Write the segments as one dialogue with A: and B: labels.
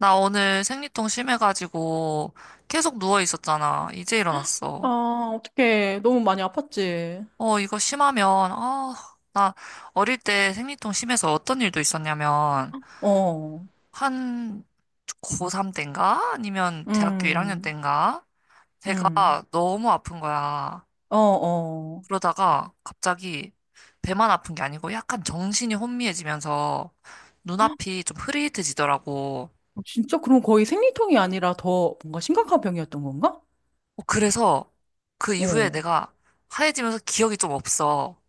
A: 나 오늘 생리통 심해가지고 계속 누워 있었잖아. 이제 일어났어.
B: 아, 어떡해. 너무 많이 아팠지.
A: 이거 심하면, 나 어릴 때 생리통 심해서 어떤 일도 있었냐면,
B: 어,
A: 한 고3 때인가? 아니면 대학교 1학년
B: 음,
A: 때인가?
B: 음,
A: 배가 너무 아픈 거야.
B: 어, 어.
A: 그러다가 갑자기 배만 아픈 게 아니고 약간 정신이 혼미해지면서 눈앞이 좀 흐릿해지더라고.
B: 진짜 그럼 거의 생리통이 아니라 더 뭔가 심각한 병이었던 건가?
A: 어, 그래서 그 이후에
B: 어,
A: 내가 하얘지면서 기억이 좀 없어.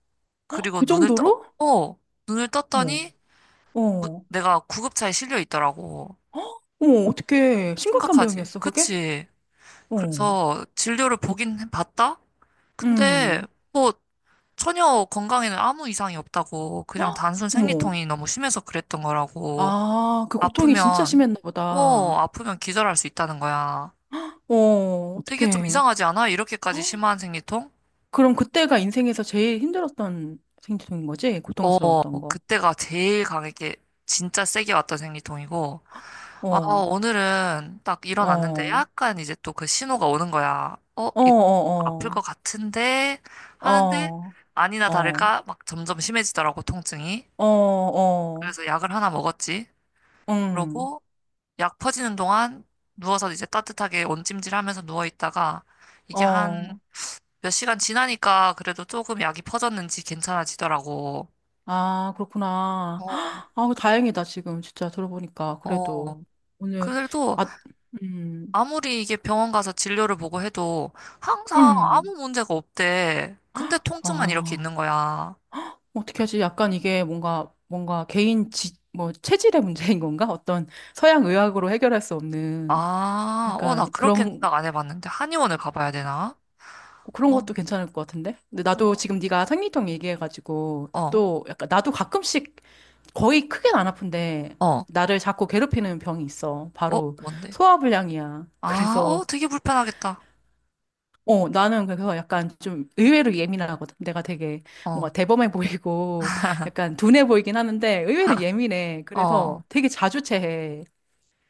B: 헉,
A: 그리고
B: 그
A: 눈을 떠,
B: 정도로?
A: 어, 눈을
B: 뭐,
A: 떴더니
B: 어,
A: 내가 구급차에 실려 있더라고.
B: 어머, 어떡해. 심각한
A: 심각하지?
B: 병이었어, 그게?
A: 그치?
B: 어,
A: 그래서 진료를 보긴 봤다? 근데
B: 음,
A: 뭐 전혀 건강에는 아무 이상이 없다고. 그냥
B: 헉,
A: 단순
B: 어머.
A: 생리통이 너무 심해서 그랬던 거라고.
B: 아, 그 고통이 진짜
A: 아프면,
B: 심했나 보다.
A: 아프면 기절할 수 있다는 거야.
B: 어,
A: 되게 좀
B: 어떡해.
A: 이상하지 않아? 이렇게까지 심한 생리통?
B: 그럼 그때가 인생에서 제일 힘들었던 생리통인 거지?
A: 어,
B: 고통스러웠던 거.
A: 그때가 제일 강하게 진짜 세게 왔던 생리통이고. 아,
B: 어,
A: 오늘은 딱 일어났는데
B: 어.
A: 약간 이제 또 그 신호가 오는 거야. 어,
B: 어,
A: 이거 아플 것
B: 어,
A: 같은데 하는데
B: 어,
A: 아니나
B: 어,
A: 다를까 막 점점 심해지더라고, 통증이.
B: 어, 어, 어,
A: 그래서 약을 하나 먹었지.
B: 응,
A: 그러고 약 퍼지는 동안 누워서 이제 따뜻하게 온찜질 하면서 누워 있다가 이게 한
B: 어.
A: 몇 시간 지나니까 그래도 조금 약이 퍼졌는지 괜찮아지더라고.
B: 아, 그렇구나.
A: 어,
B: 아, 다행이다, 지금. 진짜 들어보니까. 그래도.
A: 어.
B: 오늘,
A: 그래도
B: 아, 음,
A: 아무리 이게 병원 가서 진료를 보고 해도 항상 아무
B: 음.
A: 문제가 없대. 근데 통증만 이렇게
B: 아,
A: 있는 거야.
B: 어떻게 하지? 약간 이게 뭔가, 뭔가 개인 지, 뭐, 체질의 문제인 건가? 어떤 서양 의학으로 해결할 수 없는
A: 아, 어, 나
B: 약간
A: 그렇게
B: 그런
A: 생각 안 해봤는데. 한의원을 가봐야 되나?
B: 그런
A: 어,
B: 것도 괜찮을 것 같은데? 근데 나도
A: 어,
B: 지금 네가 생리통 얘기해가지고
A: 어,
B: 또 약간 나도 가끔씩 거의 크게는 안 아픈데
A: 어,
B: 나를 자꾸 괴롭히는 병이 있어.
A: 어,
B: 바로
A: 뭔데?
B: 소화불량이야.
A: 아, 어,
B: 그래서
A: 되게 불편하겠다.
B: 어 나는 그래서 약간 좀 의외로 예민하거든. 내가 되게
A: 어,
B: 뭔가 대범해 보이고 약간 둔해 보이긴 하는데 의외로 예민해.
A: 어,
B: 그래서 되게 자주 체해.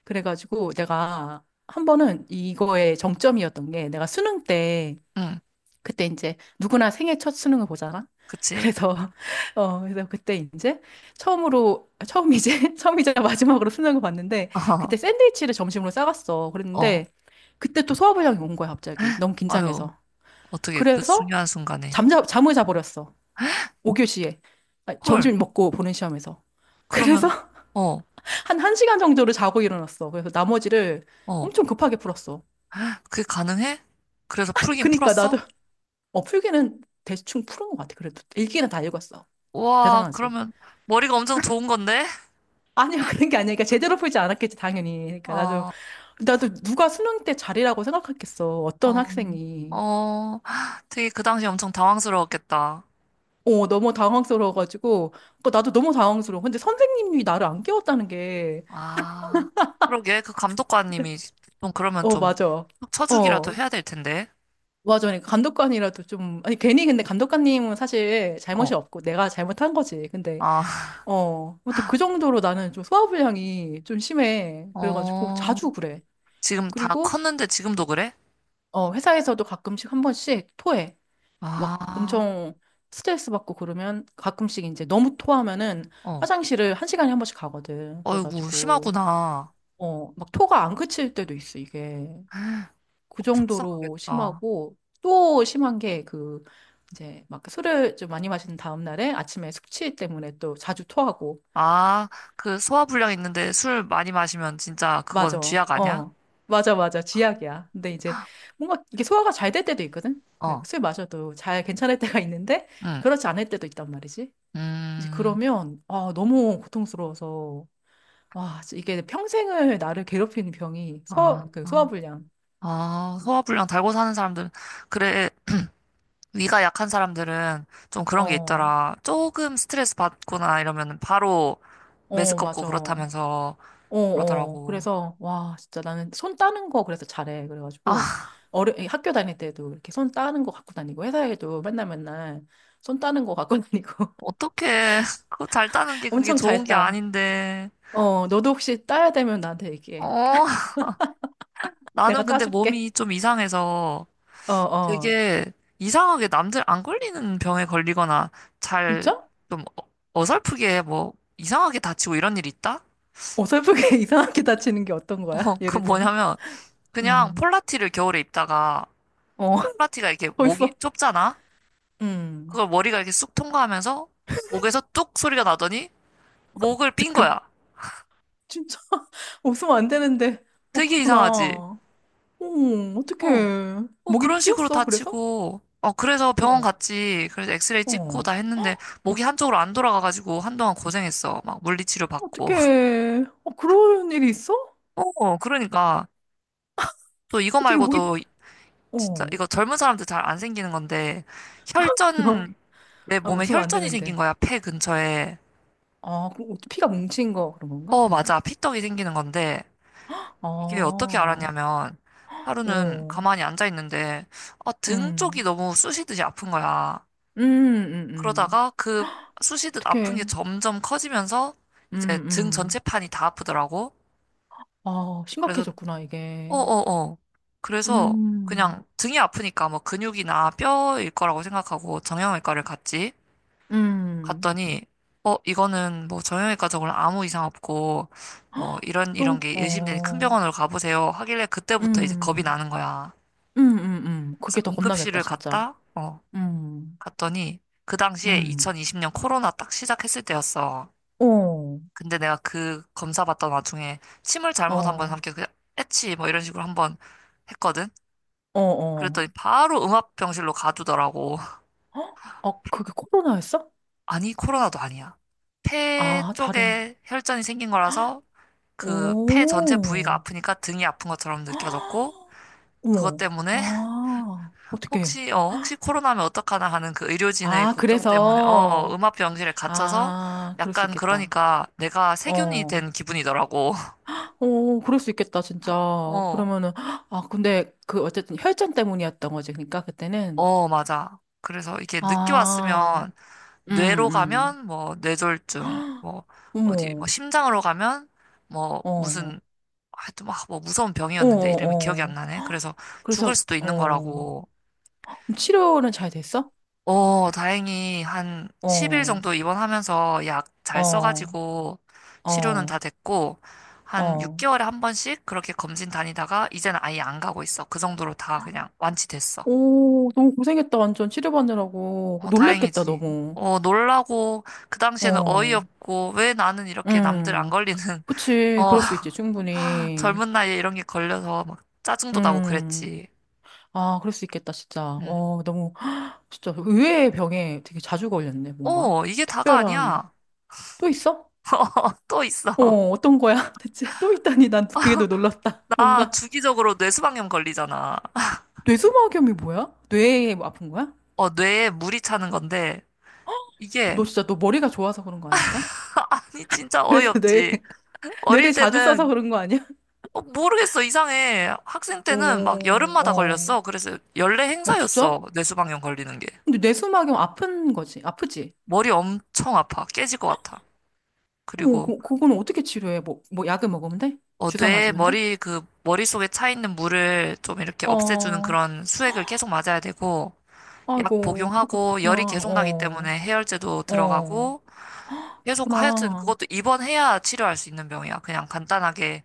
B: 그래가지고 내가 한 번은 이거의 정점이었던 게 내가 수능 때
A: 응,
B: 그때 이제 누구나 생애 첫 수능을 보잖아.
A: 그치?
B: 그래서 어 그래서 그때 이제 처음으로 처음이제 처음이자 마지막으로 수능을 봤는데 그때 샌드위치를 점심으로 싸갔어.
A: 어,
B: 그랬는데 그때 또 수화부장이 온 거야 갑자기 너무
A: 아유,
B: 긴장해서.
A: 어떻게 그
B: 그래서
A: 중요한 순간에.
B: 잠자 잠을 자버렸어. 5교시에
A: 헐,
B: 점심 먹고 보는 시험에서. 그래서
A: 그러면, 어,
B: 한 1시간 정도를 자고 일어났어. 그래서 나머지를
A: 어,
B: 엄청 급하게 풀었어.
A: 그게 가능해? 그래서 풀긴
B: 그니까
A: 풀었어?
B: 나도 어 풀기는 대충 푸른 것 같아. 그래도 읽기는 다 읽었어.
A: 와,
B: 대단하지.
A: 그러면 머리가 엄청 좋은 건데?
B: 아니야, 그런 게 아니야. 그러니까 제대로 풀지 않았겠지, 당연히. 그러니까 나도,
A: 어,
B: 나도 누가 수능 때 잘이라고 생각했겠어. 어떤
A: 어,
B: 학생이.
A: 어, 되게 그 당시 엄청 당황스러웠겠다.
B: 어, 너무 당황스러워가지고. 그 나도 너무 당황스러워. 근데 선생님이 나를 안 깨웠다는 게.
A: 아, 그러게. 그
B: 그
A: 감독관님이 좀 그러면
B: 어,
A: 좀
B: 맞아.
A: 쳐주기라도
B: 어,
A: 해야 될 텐데.
B: 맞아. 그러니까 감독관이라도 좀, 아니, 괜히 근데 감독관님은 사실
A: 어,
B: 잘못이 없고 내가 잘못한 거지. 근데,
A: 아,
B: 어, 아무튼 그 정도로 나는 좀 소화불량이 좀 심해. 그래가지고
A: 어,
B: 자주 그래.
A: 지금 다
B: 그리고,
A: 컸는데 지금도 그래?
B: 어, 회사에서도 가끔씩 한 번씩 토해. 막
A: 아,
B: 엄청 스트레스 받고 그러면 가끔씩 이제 너무 토하면은
A: 어,
B: 화장실을 한 시간에 한 번씩 가거든.
A: 어이구,
B: 그래가지고,
A: 심하구나.
B: 어, 막 토가 안 그칠 때도 있어, 이게.
A: 어,
B: 그 정도로
A: 속상하겠다.
B: 심하고, 또 심한 게 그, 이제 막 술을 좀 많이 마신 다음 날에 아침에 숙취 때문에 또 자주 토하고.
A: 아, 그 소화불량 있는데 술 많이 마시면 진짜 그거는
B: 맞아.
A: 쥐약 아니야?
B: 어. 맞아, 맞아. 지약이야. 근데 이제 뭔가 이게 소화가 잘 될 때도 있거든? 네,
A: 어,
B: 술 마셔도 잘 괜찮을 때가 있는데,
A: 응,
B: 그렇지 않을 때도 있단 말이지. 이제
A: 음,
B: 그러면 아, 너무 고통스러워서 와, 진짜 이게 평생을 나를 괴롭히는 병이
A: 아.
B: 소, 그 소화불량.
A: 아, 소화불량 달고 사는 사람들은, 그래, 위가 약한 사람들은 좀 그런 게
B: 어,
A: 있더라. 조금 스트레스 받거나 이러면 바로
B: 어,
A: 메스껍고
B: 맞아. 어,
A: 그렇다면서
B: 어.
A: 그러더라고.
B: 그래서 와, 진짜 나는 손 따는 거 그래서 잘해. 그래가지고
A: 아,
B: 어려 이 학교 다닐 때도 이렇게 손 따는 거 갖고 다니고 회사에도 맨날 맨날 손 따는 거 갖고 다니고
A: 어떡해. 그거 잘 따는 게 그게
B: 엄청
A: 좋은 게
B: 잘했다.
A: 아닌데.
B: 어, 너도 혹시 따야 되면 나한테 얘기해.
A: 어, 나는
B: 내가
A: 근데
B: 따줄게.
A: 몸이 좀 이상해서
B: 어, 어.
A: 되게 이상하게 남들 안 걸리는 병에 걸리거나 잘
B: 진짜?
A: 좀 어, 어설프게 뭐 이상하게 다치고 이런 일 있다?
B: 어설프게 이상하게 다치는 게 어떤 거야?
A: 어, 그
B: 예를 들면?
A: 뭐냐면 그냥
B: 음.
A: 폴라티를 겨울에 입다가
B: 어,
A: 폴라티가 이렇게
B: 벌써
A: 목이 좁잖아?
B: 음.
A: 그걸 머리가 이렇게 쑥 통과하면서 목에서 뚝 소리가 나더니 목을 삔
B: 잠깐만
A: 거야.
B: 진짜 웃으면 안 되는데 어
A: 되게
B: 그렇구나
A: 이상하지?
B: 어
A: 어,
B: 어떡해
A: 어, 그런
B: 목이
A: 식으로
B: 삐었어 그래서
A: 다치고. 어, 그래서 병원
B: 어,
A: 갔지. 그래서 엑스레이 찍고
B: 어,
A: 다 했는데 목이 한쪽으로 안 돌아가가지고 한동안 고생했어. 막 물리치료 받고.
B: 어떡해 어 그런 일이 있어
A: 어, 그러니까. 또 이거
B: 어떻게 목이
A: 말고도 진짜
B: 어.
A: 이거 젊은 사람들 잘 안 생기는 건데 혈전, 내
B: 아
A: 몸에
B: 웃으면 안
A: 혈전이 생긴
B: 되는데
A: 거야. 폐 근처에.
B: 아 그럼 어떻게 피가 뭉친 거 그런 건가
A: 어,
B: 아닌가
A: 맞아. 피떡이 생기는 건데, 이게 어떻게
B: 아어
A: 알았냐면, 하루는
B: 음,
A: 가만히 앉아 있는데, 아, 등 쪽이
B: 음,
A: 너무 쑤시듯이 아픈 거야.
B: 음, 음.
A: 그러다가 그 쑤시듯 아픈 게
B: 어떡해.
A: 점점 커지면서,
B: 음,
A: 이제 등
B: 음.
A: 전체판이 다 아프더라고.
B: 아,
A: 그래서,
B: 심각해졌구나, 이게.
A: 어어어. 그래서
B: 음,
A: 그냥 등이 아프니까 뭐 근육이나 뼈일 거라고 생각하고 정형외과를 갔지.
B: 음.
A: 갔더니 이거는 뭐 정형외과 적으로 아무 이상 없고 뭐 이런
B: 또?
A: 이런 게 의심되니 큰
B: 어,
A: 병원으로 가보세요 하길래 그때부터 이제 겁이
B: 음,
A: 나는 거야. 그래서
B: 그게 더 겁나겠다,
A: 응급실을
B: 진짜.
A: 갔다
B: 음,
A: 갔더니 그 당시에
B: 음,
A: 2020년 코로나 딱 시작했을 때였어.
B: 어,
A: 근데 내가 그 검사 받던 와중에 침을 잘못 한번
B: 어,
A: 삼켜 그냥 애치 뭐 이런 식으로 한 번 했거든.
B: 어, 어.
A: 그랬더니 바로 음압병실로 가두더라고.
B: 헉? 아,
A: 폐-
B: 그게 코로나였어?
A: 아니 코로나도 아니야. 폐
B: 아, 다른.
A: 쪽에 혈전이 생긴 거라서 그 폐 전체 부위가
B: 오,
A: 아프니까 등이 아픈 것처럼 느껴졌고
B: 헉,
A: 그것
B: 어머,
A: 때문에
B: 아, 어떡해.
A: 혹시 코로나면 어떡하나 하는 그 의료진의
B: 아,
A: 걱정 때문에
B: 그래서.
A: 음압병실에 갇혀서
B: 아, 그럴 수
A: 약간
B: 있겠다.
A: 그러니까 내가 세균이
B: 어,
A: 된 기분이더라고.
B: 어, 그럴 수 있겠다, 진짜.
A: 어.
B: 그러면은, 아, 근데 그 어쨌든 혈전 때문이었던 거지, 그러니까 그때는.
A: 어, 맞아. 그래서 이게 늦게
B: 아.
A: 왔으면
B: 음,
A: 뇌로
B: 음.
A: 가면 뭐 뇌졸중 뭐 어디 뭐
B: 어머,
A: 심장으로 가면 뭐
B: 어,
A: 무슨 하여튼 막뭐 무서운
B: 어,
A: 병이었는데 이름이 기억이
B: 어,
A: 안
B: 어.
A: 나네. 그래서
B: 그래서,
A: 죽을 수도 있는
B: 어,
A: 거라고.
B: 그럼 치료는 잘 됐어?
A: 어, 다행히 한 10일
B: 어,
A: 정도 입원하면서 약 잘
B: 어,
A: 써가지고 치료는 다
B: 어,
A: 됐고, 한
B: 어.
A: 6개월에 한 번씩 그렇게 검진 다니다가 이제는 아예 안 가고 있어. 그 정도로 다 그냥 완치됐어.
B: 오, 너무 고생했다, 완전 치료받느라고.
A: 어,
B: 놀랬겠다,
A: 다행이지.
B: 너무.
A: 어, 놀라고, 그 당시에는
B: 어,
A: 어이없고, 왜 나는 이렇게 남들 안
B: 음,
A: 걸리는,
B: 그치,
A: 어,
B: 그럴 수 있지, 충분히.
A: 젊은 나이에 이런 게 걸려서 막 짜증도 나고
B: 음,
A: 그랬지.
B: 아, 그럴 수 있겠다, 진짜.
A: 음.
B: 어, 너무, 진짜 의외의 병에 되게 자주 걸렸네, 뭔가.
A: 어, 이게 다가
B: 특별한,
A: 아니야.
B: 또 있어?
A: 또 있어.
B: 어, 어떤 거야? 대체 또 있다니 난 그게 더 놀랐다.
A: 나
B: 뭔가
A: 주기적으로 뇌수방염 걸리잖아.
B: 뇌수막염이 뭐야? 뇌에 뭐 아픈 거야?
A: 어, 뇌에 물이 차는 건데, 이게,
B: 너 진짜 너 머리가 좋아서 그런 거 아니야? 약간?
A: 아니, 진짜
B: 그래서 뇌
A: 어이없지. 어릴
B: 뇌를 자주 써서
A: 때는,
B: 그런 거 아니야?
A: 어, 모르겠어, 이상해. 학생 때는 막
B: 오,
A: 여름마다
B: 어,
A: 걸렸어. 그래서 연례
B: 어, 진짜?
A: 행사였어, 뇌수방염 걸리는 게.
B: 근데 뇌수막염 아픈 거지, 아프지?
A: 머리 엄청 아파, 깨질 것 같아.
B: 어,
A: 그리고,
B: 그거는 어떻게 치료해? 뭐, 뭐 약을 먹으면 돼?
A: 어,
B: 주사
A: 뇌에
B: 맞으면 돼?
A: 머릿속에 차 있는 물을 좀 이렇게 없애주는
B: 어,
A: 그런 수액을 계속 맞아야 되고, 약
B: 아이고, 그렇게
A: 복용하고, 열이
B: 그렇구나.
A: 계속 나기
B: 어,
A: 때문에 해열제도
B: 어,
A: 들어가고, 계속 하여튼
B: 그렇구나.
A: 그것도 입원해야 치료할 수 있는 병이야. 그냥 간단하게.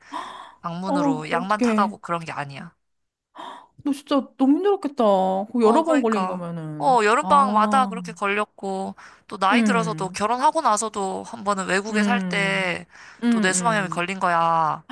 B: 어,
A: 방문으로 약만
B: 어떡해.
A: 타가고 그런 게 아니야.
B: 너 진짜 너무 힘들었겠다. 그거
A: 어,
B: 여러 번 걸린
A: 그러니까. 어,
B: 거면은.
A: 여름방학마다
B: 아,
A: 그렇게 걸렸고, 또 나이 들어서도
B: 음,
A: 결혼하고 나서도 한 번은 외국에 살
B: 음,
A: 때
B: 음,
A: 또 뇌수방염이
B: 음.
A: 걸린 거야.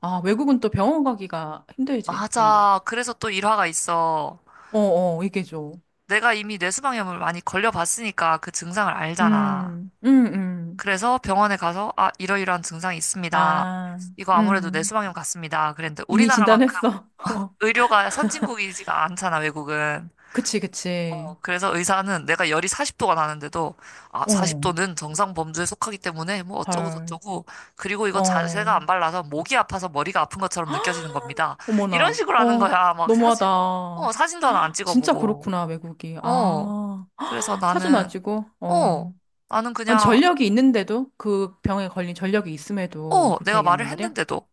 B: 아, 외국은 또 병원 가기가 힘들지, 뭔가.
A: 맞아. 그래서 또 일화가 있어.
B: 어, 어, 이게 죠
A: 내가 이미 뇌수방염을 많이 걸려봤으니까 그 증상을 알잖아.
B: 음, 음, 음.
A: 그래서 병원에 가서, 아, 이러이러한 증상이 있습니다.
B: 아,
A: 이거 아무래도
B: 음.
A: 뇌수방염 같습니다. 그랬는데
B: 이미
A: 우리나라만큼
B: 진단했어. 어,
A: 의료가 선진국이지가 않잖아, 외국은.
B: 그치, 그치.
A: 어, 그래서 의사는 내가 열이 40도가 나는데도, 아,
B: 어,
A: 40도는 정상 범주에 속하기 때문에 뭐 어쩌고
B: 헐.
A: 저쩌고, 그리고 이거 자세가
B: 어,
A: 안 발라서 목이 아파서 머리가 아픈 것처럼 느껴지는 겁니다. 이런
B: 어머나.
A: 식으로 하는
B: 어,
A: 거야. 막 사진, 어,
B: 너무하다.
A: 사진도 하나 안
B: 진짜
A: 찍어보고.
B: 그렇구나, 외국이.
A: 어,
B: 아,
A: 그래서
B: 사진 안 찍어?
A: 어,
B: 어.
A: 나는
B: 아니,
A: 그냥,
B: 전력이 있는데도 그 병에 걸린 전력이 있음에도
A: 어,
B: 그렇게
A: 내가 말을
B: 얘기한단 말이야?
A: 했는데도.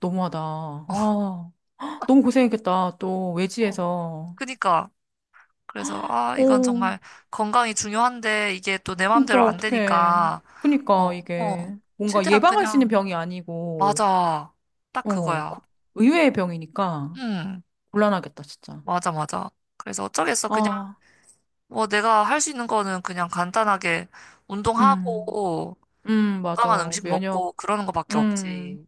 B: 너무하다. 아, 너무 고생했겠다. 또
A: 어,
B: 외지에서.
A: 그니까. 그래서, 아, 이건
B: 어,
A: 정말 건강이 중요한데, 이게 또 내
B: 진짜
A: 마음대로 안
B: 어떡해.
A: 되니까,
B: 그니까
A: 어, 어,
B: 이게 뭔가
A: 최대한
B: 예방할 수 있는
A: 그냥,
B: 병이 아니고,
A: 맞아. 딱
B: 어, 그
A: 그거야.
B: 의외의 병이니까
A: 응,
B: 곤란하겠다, 진짜.
A: 맞아, 맞아. 그래서 어쩌겠어. 그냥
B: 아,
A: 뭐 내가 할 수 있는 거는 그냥 간단하게
B: 음,
A: 운동하고 건강한
B: 맞아.
A: 음식
B: 면역,
A: 먹고 그러는 거밖에
B: 음.
A: 없지.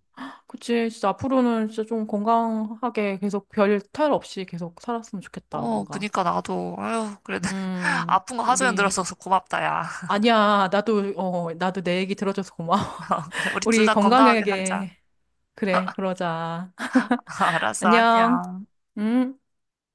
B: 그치, 진짜 앞으로는 진짜 좀 건강하게 계속 별 탈 없이 계속 살았으면 좋겠다,
A: 어,
B: 뭔가.
A: 그니까 나도, 아유, 그래도 아픈 거 하소연
B: 우리,
A: 들어서 고맙다, 야.
B: 아니야. 나도, 어, 나도 내 얘기 들어줘서 고마워.
A: 그래, 우리 둘
B: 우리
A: 다 건강하게 살자.
B: 건강하게, 그래, 그러자.
A: 알았어,
B: 안녕.
A: 안녕.
B: 음.